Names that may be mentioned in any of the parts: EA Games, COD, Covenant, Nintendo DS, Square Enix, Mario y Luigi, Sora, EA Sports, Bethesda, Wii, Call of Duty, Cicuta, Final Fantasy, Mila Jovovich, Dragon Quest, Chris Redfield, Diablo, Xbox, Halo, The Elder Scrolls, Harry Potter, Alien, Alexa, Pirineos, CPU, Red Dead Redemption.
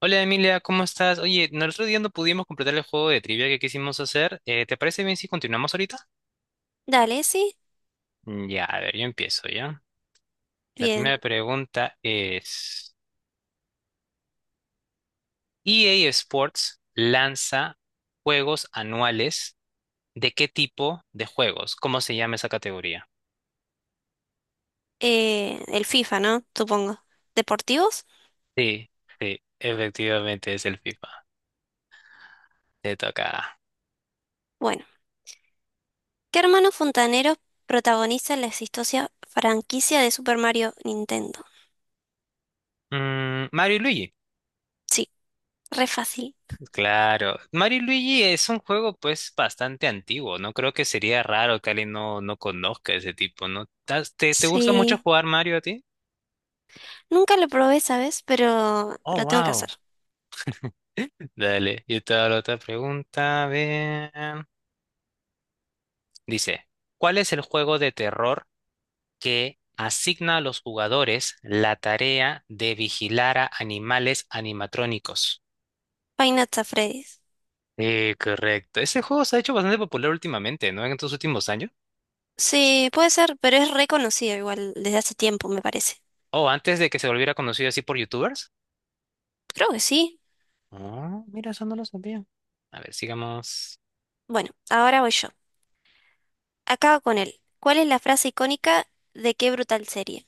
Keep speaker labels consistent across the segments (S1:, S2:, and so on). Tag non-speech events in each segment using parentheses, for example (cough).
S1: Hola Emilia, ¿cómo estás? Oye, no, el otro día no pudimos completar el juego de trivia que quisimos hacer. ¿Te parece bien si continuamos ahorita?
S2: Dale, sí.
S1: Ya, a ver, yo empiezo, ¿ya? La
S2: Bien.
S1: primera pregunta es, EA Sports lanza juegos anuales, ¿de qué tipo de juegos? ¿Cómo se llama esa categoría?
S2: El FIFA, ¿no? Supongo. ¿Deportivos?
S1: Sí, sí, efectivamente es el FIFA. Te toca.
S2: Bueno. ¿Qué hermano fontanero protagoniza la exitosa franquicia de Super Mario Nintendo?
S1: Mario y Luigi.
S2: Sí, re fácil.
S1: Claro. Mario y Luigi es un juego pues bastante antiguo, ¿no? Creo que sería raro que alguien no conozca ese tipo, ¿no? ¿Te gusta mucho
S2: Sí.
S1: jugar Mario a ti?
S2: Nunca lo probé, ¿sabes? Pero
S1: Oh,
S2: lo tengo que hacer.
S1: wow. Dale, yo te hago la otra pregunta. A ver. Dice, ¿cuál es el juego de terror que asigna a los jugadores la tarea de vigilar a animales animatrónicos?
S2: Five Nights at Freddy's.
S1: Sí, correcto. Ese juego se ha hecho bastante popular últimamente, ¿no? En estos últimos años.
S2: Sí, puede ser, pero es reconocido igual desde hace tiempo, me parece.
S1: O antes de que se volviera conocido así por YouTubers.
S2: Creo que sí.
S1: Ah, mira, eso no lo sabía. A ver, sigamos.
S2: Bueno, ahora voy yo. Acabo con él. ¿Cuál es la frase icónica de qué brutal serie?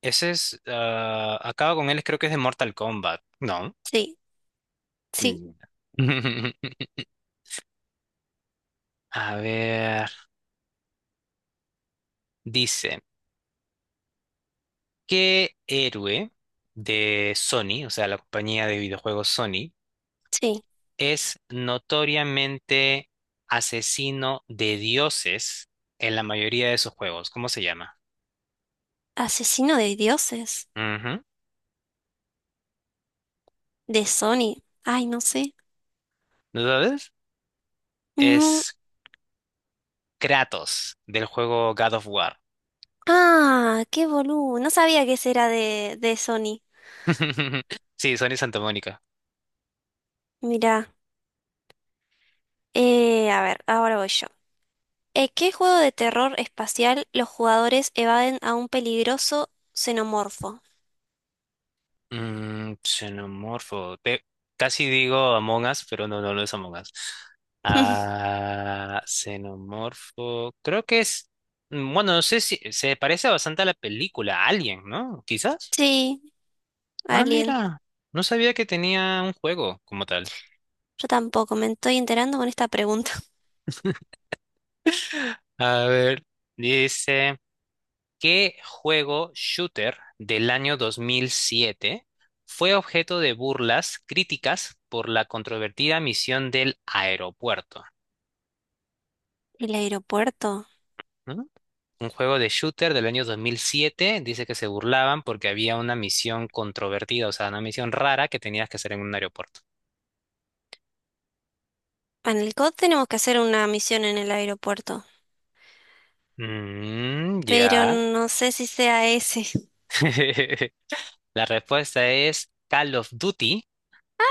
S1: Acaba con él, creo que es de Mortal Kombat. No.
S2: Sí, sí,
S1: Mm. (laughs) A ver. Dice: ¿Qué héroe de Sony, o sea, la compañía de videojuegos Sony,
S2: sí.
S1: es notoriamente asesino de dioses en la mayoría de sus juegos? ¿Cómo se llama?
S2: Asesino de dioses,
S1: Ujú.
S2: de Sony. Ay, no sé.
S1: ¿No sabes?
S2: No.
S1: Es Kratos del juego God of War.
S2: Ah, qué boludo. No sabía que ese era de Sony.
S1: (laughs) Sí, Sony Santa Mónica.
S2: Mirá. A ver, ahora voy yo. ¿En qué juego de terror espacial los jugadores evaden a un peligroso xenomorfo?
S1: Xenomorfo. Casi digo Among Us, pero no, no, no es Among Us.
S2: (laughs)
S1: Ah, xenomorfo. Creo que es. Bueno, no sé si se parece bastante a la película Alien, ¿no? Quizás.
S2: Sí,
S1: Ah,
S2: Alien.
S1: mira. No sabía que tenía un juego como tal.
S2: Yo tampoco me estoy enterando con esta pregunta.
S1: A ver, dice. ¿Qué juego shooter del año 2007 fue objeto de burlas críticas por la controvertida misión del aeropuerto?
S2: (laughs) ¿El aeropuerto?
S1: ¿Mm? Un juego de shooter del año 2007 dice que se burlaban porque había una misión controvertida, o sea, una misión rara que tenías que hacer en un aeropuerto.
S2: Ah, en el COD tenemos que hacer una misión en el aeropuerto.
S1: Mm,
S2: Pero
S1: ya.
S2: no sé si sea ese. (laughs)
S1: (laughs) La respuesta es Call of Duty,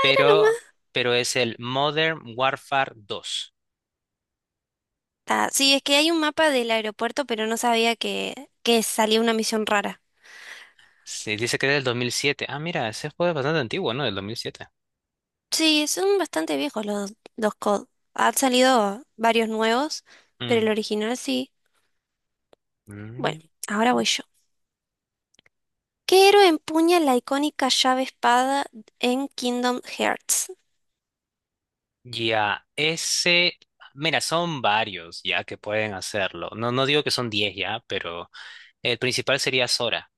S1: pero, pero es el Modern Warfare 2.
S2: Ah, sí, es que hay un mapa del aeropuerto, pero no sabía que salía una misión rara.
S1: Sí, dice que es del 2007. Ah, mira, ese juego es bastante antiguo, ¿no? Del 2007.
S2: Sí, son bastante viejos los COD. Han salido varios nuevos, pero
S1: Mm.
S2: el original sí. Bueno,
S1: Mm.
S2: ahora voy yo. ¿Qué héroe empuña la icónica llave espada en Kingdom Hearts?
S1: Ya, mira, son varios ya que pueden hacerlo. No, no digo que son 10 ya, pero el principal sería Sora.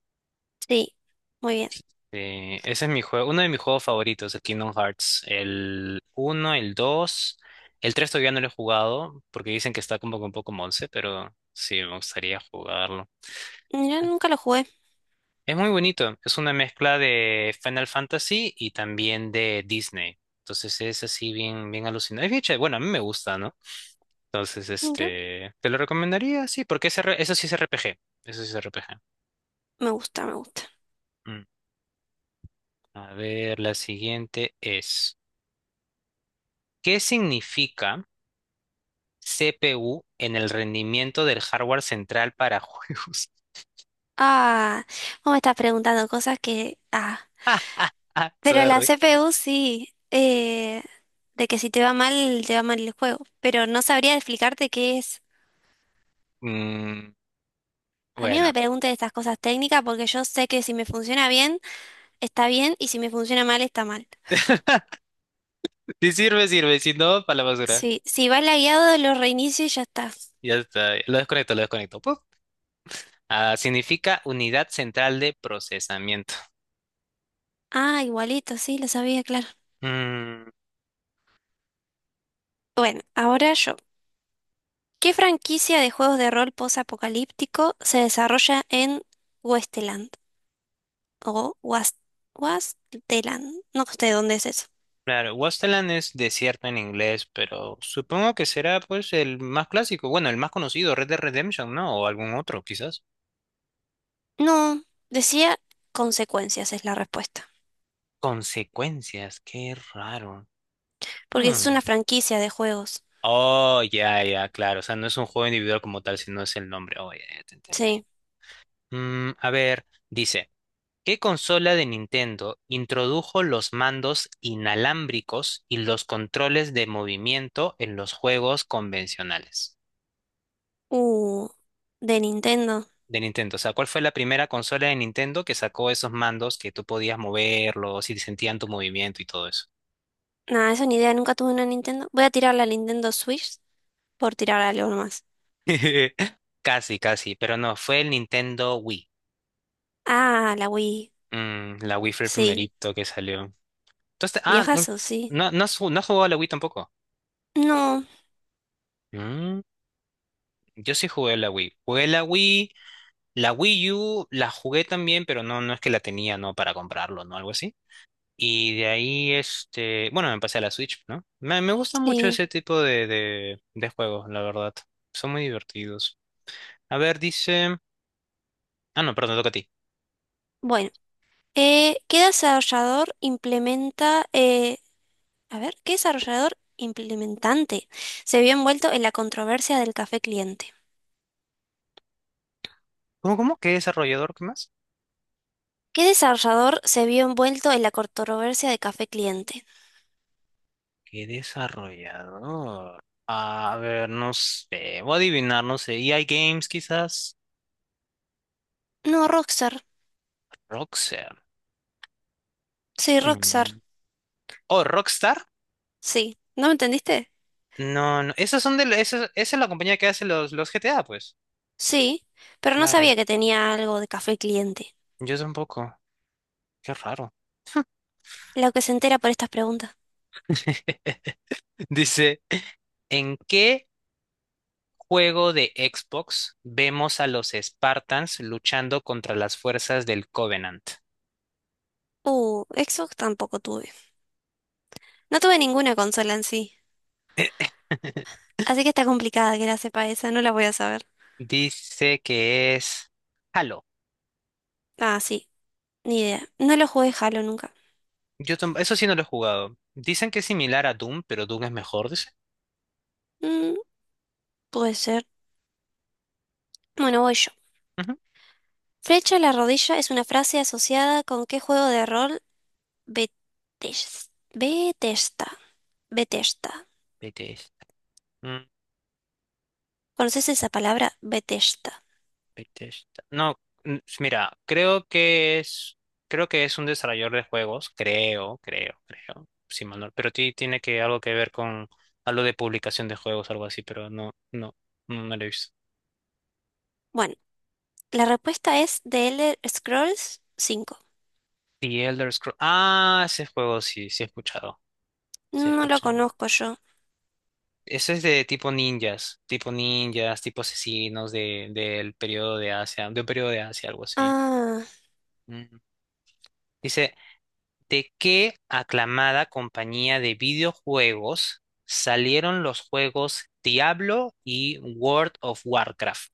S2: Sí, muy bien.
S1: Ese es mi juego, uno de mis juegos favoritos, el Kingdom Hearts. El uno el 2 el 3 todavía no lo he jugado porque dicen que está como que un poco monce, pero sí, me gustaría jugarlo.
S2: Mira, nunca lo jugué.
S1: Es muy bonito, es una mezcla de Final Fantasy y también de Disney. Entonces es así bien, bien alucinante. Es bien chévere. Bueno, a mí me gusta, ¿no? Entonces,
S2: Mira,
S1: este, te lo recomendaría, sí, porque es eso sí es RPG. Eso sí es RPG.
S2: me gusta.
S1: Mm. A ver, la siguiente es, ¿qué significa CPU en el rendimiento del hardware central para juegos? (laughs)
S2: Ah, vos me estás preguntando cosas que... Ah,
S1: Ah,
S2: pero la
S1: sorry.
S2: CPU sí, de que si te va mal, te va mal el juego. Pero no sabría explicarte qué es.
S1: Mm,
S2: A mí no me
S1: bueno,
S2: preguntes estas cosas técnicas porque yo sé que si me funciona bien, está bien, y si me funciona mal, está mal.
S1: si sirve, sirve, si no, para la basura.
S2: Sí, si va lagueado, lo reinicio y ya está.
S1: Ya está, lo desconecto, lo desconecto. Ah, significa unidad central de procesamiento.
S2: Ah, igualito, sí, lo sabía, claro.
S1: Mm,
S2: Bueno, ahora yo. ¿Qué franquicia de juegos de rol posapocalíptico se desarrolla en Westeland? O Was Wasteland. No sé dónde es.
S1: claro, Wasteland es desierto en inglés, pero supongo que será pues el más clásico, bueno, el más conocido, Red Dead Redemption, ¿no? O algún otro, quizás.
S2: No, decía consecuencias es la respuesta.
S1: Consecuencias, qué raro.
S2: Porque es
S1: Hmm.
S2: una franquicia de juegos.
S1: Oh, ya, ya, claro. O sea, no es un juego individual como tal, sino es el nombre. Oh, ya, ya te entendí.
S2: Sí.
S1: A ver, dice. ¿Qué consola de Nintendo introdujo los mandos inalámbricos y los controles de movimiento en los juegos convencionales
S2: Uh, de Nintendo.
S1: de Nintendo? O sea, ¿cuál fue la primera consola de Nintendo que sacó esos mandos que tú podías moverlos y sentían tu movimiento y todo eso?
S2: Nada, esa ni idea, nunca tuve una Nintendo. Voy a tirar la Nintendo Switch por tirar algo más.
S1: (laughs) Casi, casi, pero no, fue el Nintendo Wii.
S2: Ah, la Wii.
S1: La Wii fue el
S2: Sí.
S1: primerito que salió. Entonces, no,
S2: Viejazo, sí.
S1: no, no has jugado a la Wii tampoco.
S2: No,
S1: Mm, yo sí jugué a la Wii. Jugué a la Wii. La Wii U la jugué también, pero no, no es que la tenía, ¿no? Para comprarlo, ¿no? Algo así. Y de ahí, este, bueno, me pasé a la Switch, ¿no? Me gusta mucho
S2: sí.
S1: ese tipo de juegos, la verdad. Son muy divertidos. A ver, ah, no, perdón, te toca a ti.
S2: Bueno. Eh, ¿qué desarrollador implementa... eh, a ver, ¿qué desarrollador implementante se vio envuelto en la controversia del café cliente?
S1: ¿Cómo, cómo? ¿Qué desarrollador? ¿Qué más?
S2: ¿Qué desarrollador se vio envuelto en la controversia de Café Cliente?
S1: ¿Qué desarrollador? A ver, no sé. Voy a adivinar, no sé. EA Games, quizás.
S2: No, Rockstar.
S1: Rockstar.
S2: Sí, Rockstar.
S1: Mm. ¿O Rockstar?
S2: Sí. ¿No me entendiste?
S1: No, no. Esas son de... la- Esa es la compañía que hace los GTA, pues.
S2: Sí, pero no
S1: Claro,
S2: sabía que tenía algo de Café Cliente.
S1: yo tampoco. Qué raro.
S2: Lo que se entera por estas preguntas.
S1: (laughs) Dice, ¿en qué juego de Xbox vemos a los Spartans luchando contra las fuerzas del Covenant?
S2: Xbox tampoco tuve. No tuve ninguna consola en sí.
S1: (laughs)
S2: Así que está complicada que la sepa esa, no la voy a saber.
S1: Dice que es Halo.
S2: Ah, sí, ni idea. No lo jugué Halo nunca.
S1: Eso sí no lo he jugado. Dicen que es similar a Doom, pero Doom es mejor, dice.
S2: Mm, puede ser. Bueno, voy yo.
S1: Ujú.
S2: Flecha a la rodilla es una frase asociada con qué juego de rol. Bethesda. Bethesda.
S1: Bethesda.
S2: ¿Conoces esa palabra? Bethesda.
S1: Bethesda. No, mira, creo que es un desarrollador de juegos, creo, sí, Manuel, pero tiene que algo que ver con algo de publicación de juegos, algo así, pero no, no, no, no lo he visto.
S2: Bueno, la respuesta es The Elder Scrolls 5.
S1: The Elder Scrolls. Ah, ese juego sí, sí he escuchado, sí he
S2: No lo
S1: escuchado.
S2: conozco yo.
S1: Ese es de tipo ninjas, tipo ninjas, tipo asesinos del periodo de Asia, de un periodo de Asia, algo así.
S2: Ah,
S1: Mm. Dice: ¿De qué aclamada compañía de videojuegos salieron los juegos Diablo y World of Warcraft?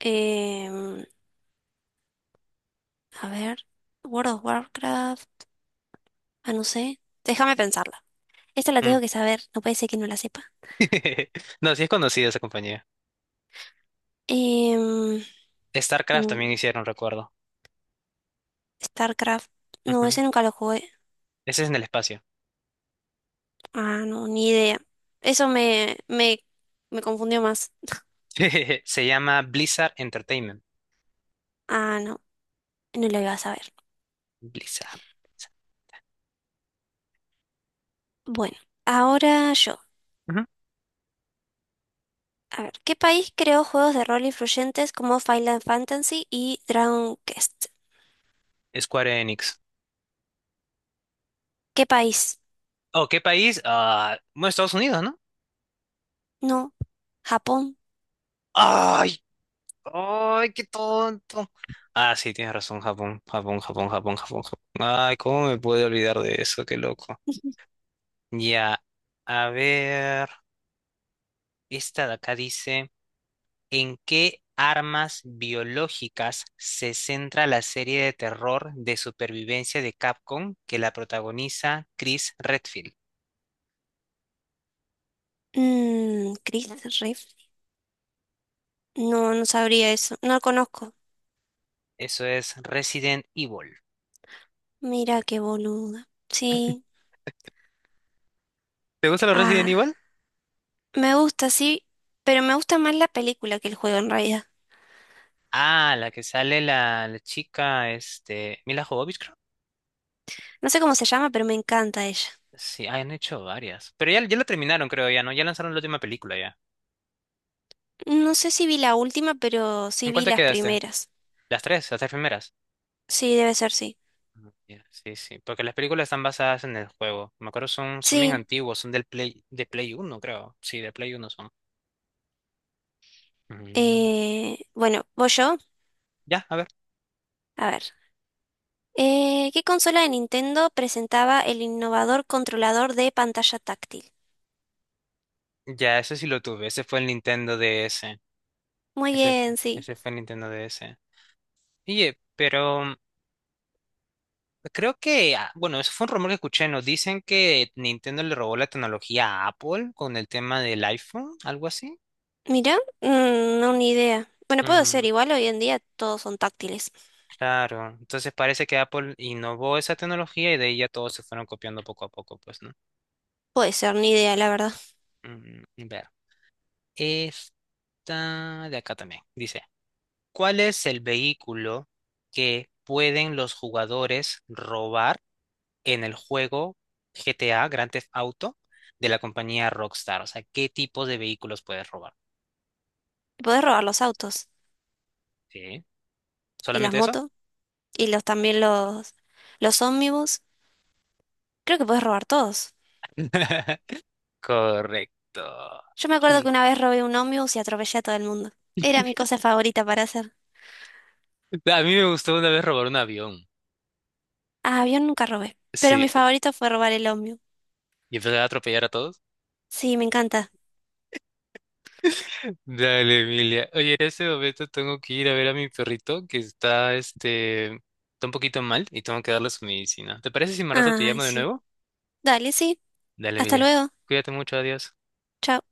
S2: em, a ver. World of Warcraft. Ah, no sé. Déjame pensarla. Esta la
S1: Mm.
S2: tengo que saber. No puede ser que no la sepa.
S1: (laughs) No, sí es conocida esa compañía.
S2: Em,
S1: StarCraft
S2: mm,
S1: también hicieron, recuerdo.
S2: StarCraft. No,
S1: Ujú.
S2: ese nunca lo jugué.
S1: Ese es en el espacio.
S2: Ah, no, ni idea. Eso me confundió más.
S1: (laughs) Se llama Blizzard Entertainment.
S2: Ah, no, no lo iba a saber.
S1: Blizzard. Blizzard.
S2: Bueno, ahora yo.
S1: Ujú.
S2: A ver, ¿qué país creó juegos de rol influyentes como Final Fantasy y Dragon Quest?
S1: Square Enix.
S2: ¿Qué país?
S1: ¿O qué país? Ah, bueno, Estados Unidos, ¿no?
S2: No, Japón.
S1: ¡Ay! ¡Ay, qué tonto! Ah, sí, tienes razón, Japón, Japón, Japón, Japón, Japón, Japón. Ay, ¿cómo me pude olvidar de eso? Qué loco.
S2: (laughs)
S1: Ya, a ver, esta de acá dice, ¿en qué armas biológicas se centra la serie de terror de supervivencia de Capcom que la protagoniza Chris Redfield?
S2: Mm, Chris Riff. No, no sabría eso. No lo conozco.
S1: Eso es Resident Evil.
S2: Mira qué boluda. Sí.
S1: ¿Te gusta los Resident
S2: Ah,
S1: Evil?
S2: me gusta, sí, pero me gusta más la película que el juego en realidad.
S1: Ah, la que sale la chica, este, Mila Jovovich.
S2: No sé cómo se llama, pero me encanta ella.
S1: Sí, han hecho varias. Pero ya, ya la terminaron, creo, ya, ¿no? Ya lanzaron la última película, ya.
S2: No sé si vi la última, pero sí
S1: ¿En cuál
S2: vi
S1: te
S2: las
S1: quedaste?
S2: primeras.
S1: Las tres primeras.
S2: Sí, debe ser sí.
S1: Ah, ya, sí, sí, porque las películas están basadas en el juego. Me acuerdo, son bien
S2: Sí.
S1: antiguos, son del Play, de Play Uno, creo. Sí, de Play Uno son. Mm.
S2: Bueno, voy yo.
S1: Ya, a ver.
S2: A ver. ¿Qué consola de Nintendo presentaba el innovador controlador de pantalla táctil?
S1: Ya, ese sí lo tuve. Ese fue el Nintendo DS.
S2: Muy
S1: Ese,
S2: bien, sí.
S1: ese fue el Nintendo DS. Oye, pero creo que, bueno, eso fue un rumor que escuché, ¿no? Dicen que Nintendo le robó la tecnología a Apple con el tema del iPhone, algo así.
S2: Mira, mm, no, ni idea. Bueno, puede ser, igual hoy en día todos son táctiles.
S1: Claro, entonces parece que Apple innovó esa tecnología y de ahí ya todos se fueron copiando poco a poco, pues, ¿no?
S2: Puede ser, ni idea, la verdad.
S1: Ver, esta de acá también dice, ¿cuál es el vehículo que pueden los jugadores robar en el juego GTA Grand Theft Auto de la compañía Rockstar? O sea, ¿qué tipo de vehículos puedes robar?
S2: Podés robar los autos
S1: ¿Sí?
S2: y las
S1: ¿Solamente eso?
S2: motos y los también los ómnibus. Creo que podés robar todos.
S1: (laughs) Correcto.
S2: Yo me acuerdo
S1: Sí.
S2: que una vez robé un ómnibus y atropellé a todo el mundo. Era mi cosa favorita para hacer.
S1: A mí me gustó una vez robar un avión.
S2: Ah, avión nunca robé, pero
S1: Sí,
S2: mi favorito fue robar el ómnibus.
S1: y empezar a atropellar a todos.
S2: Sí, me encanta.
S1: Dale, Emilia. Oye, en este momento tengo que ir a ver a mi perrito que está un poquito mal y tengo que darle su medicina. ¿Te parece si más rato te
S2: Ay,
S1: llamo de
S2: sí.
S1: nuevo?
S2: Dale, sí.
S1: Dale,
S2: Hasta
S1: Emilia.
S2: luego.
S1: Cuídate mucho, adiós.
S2: Chao.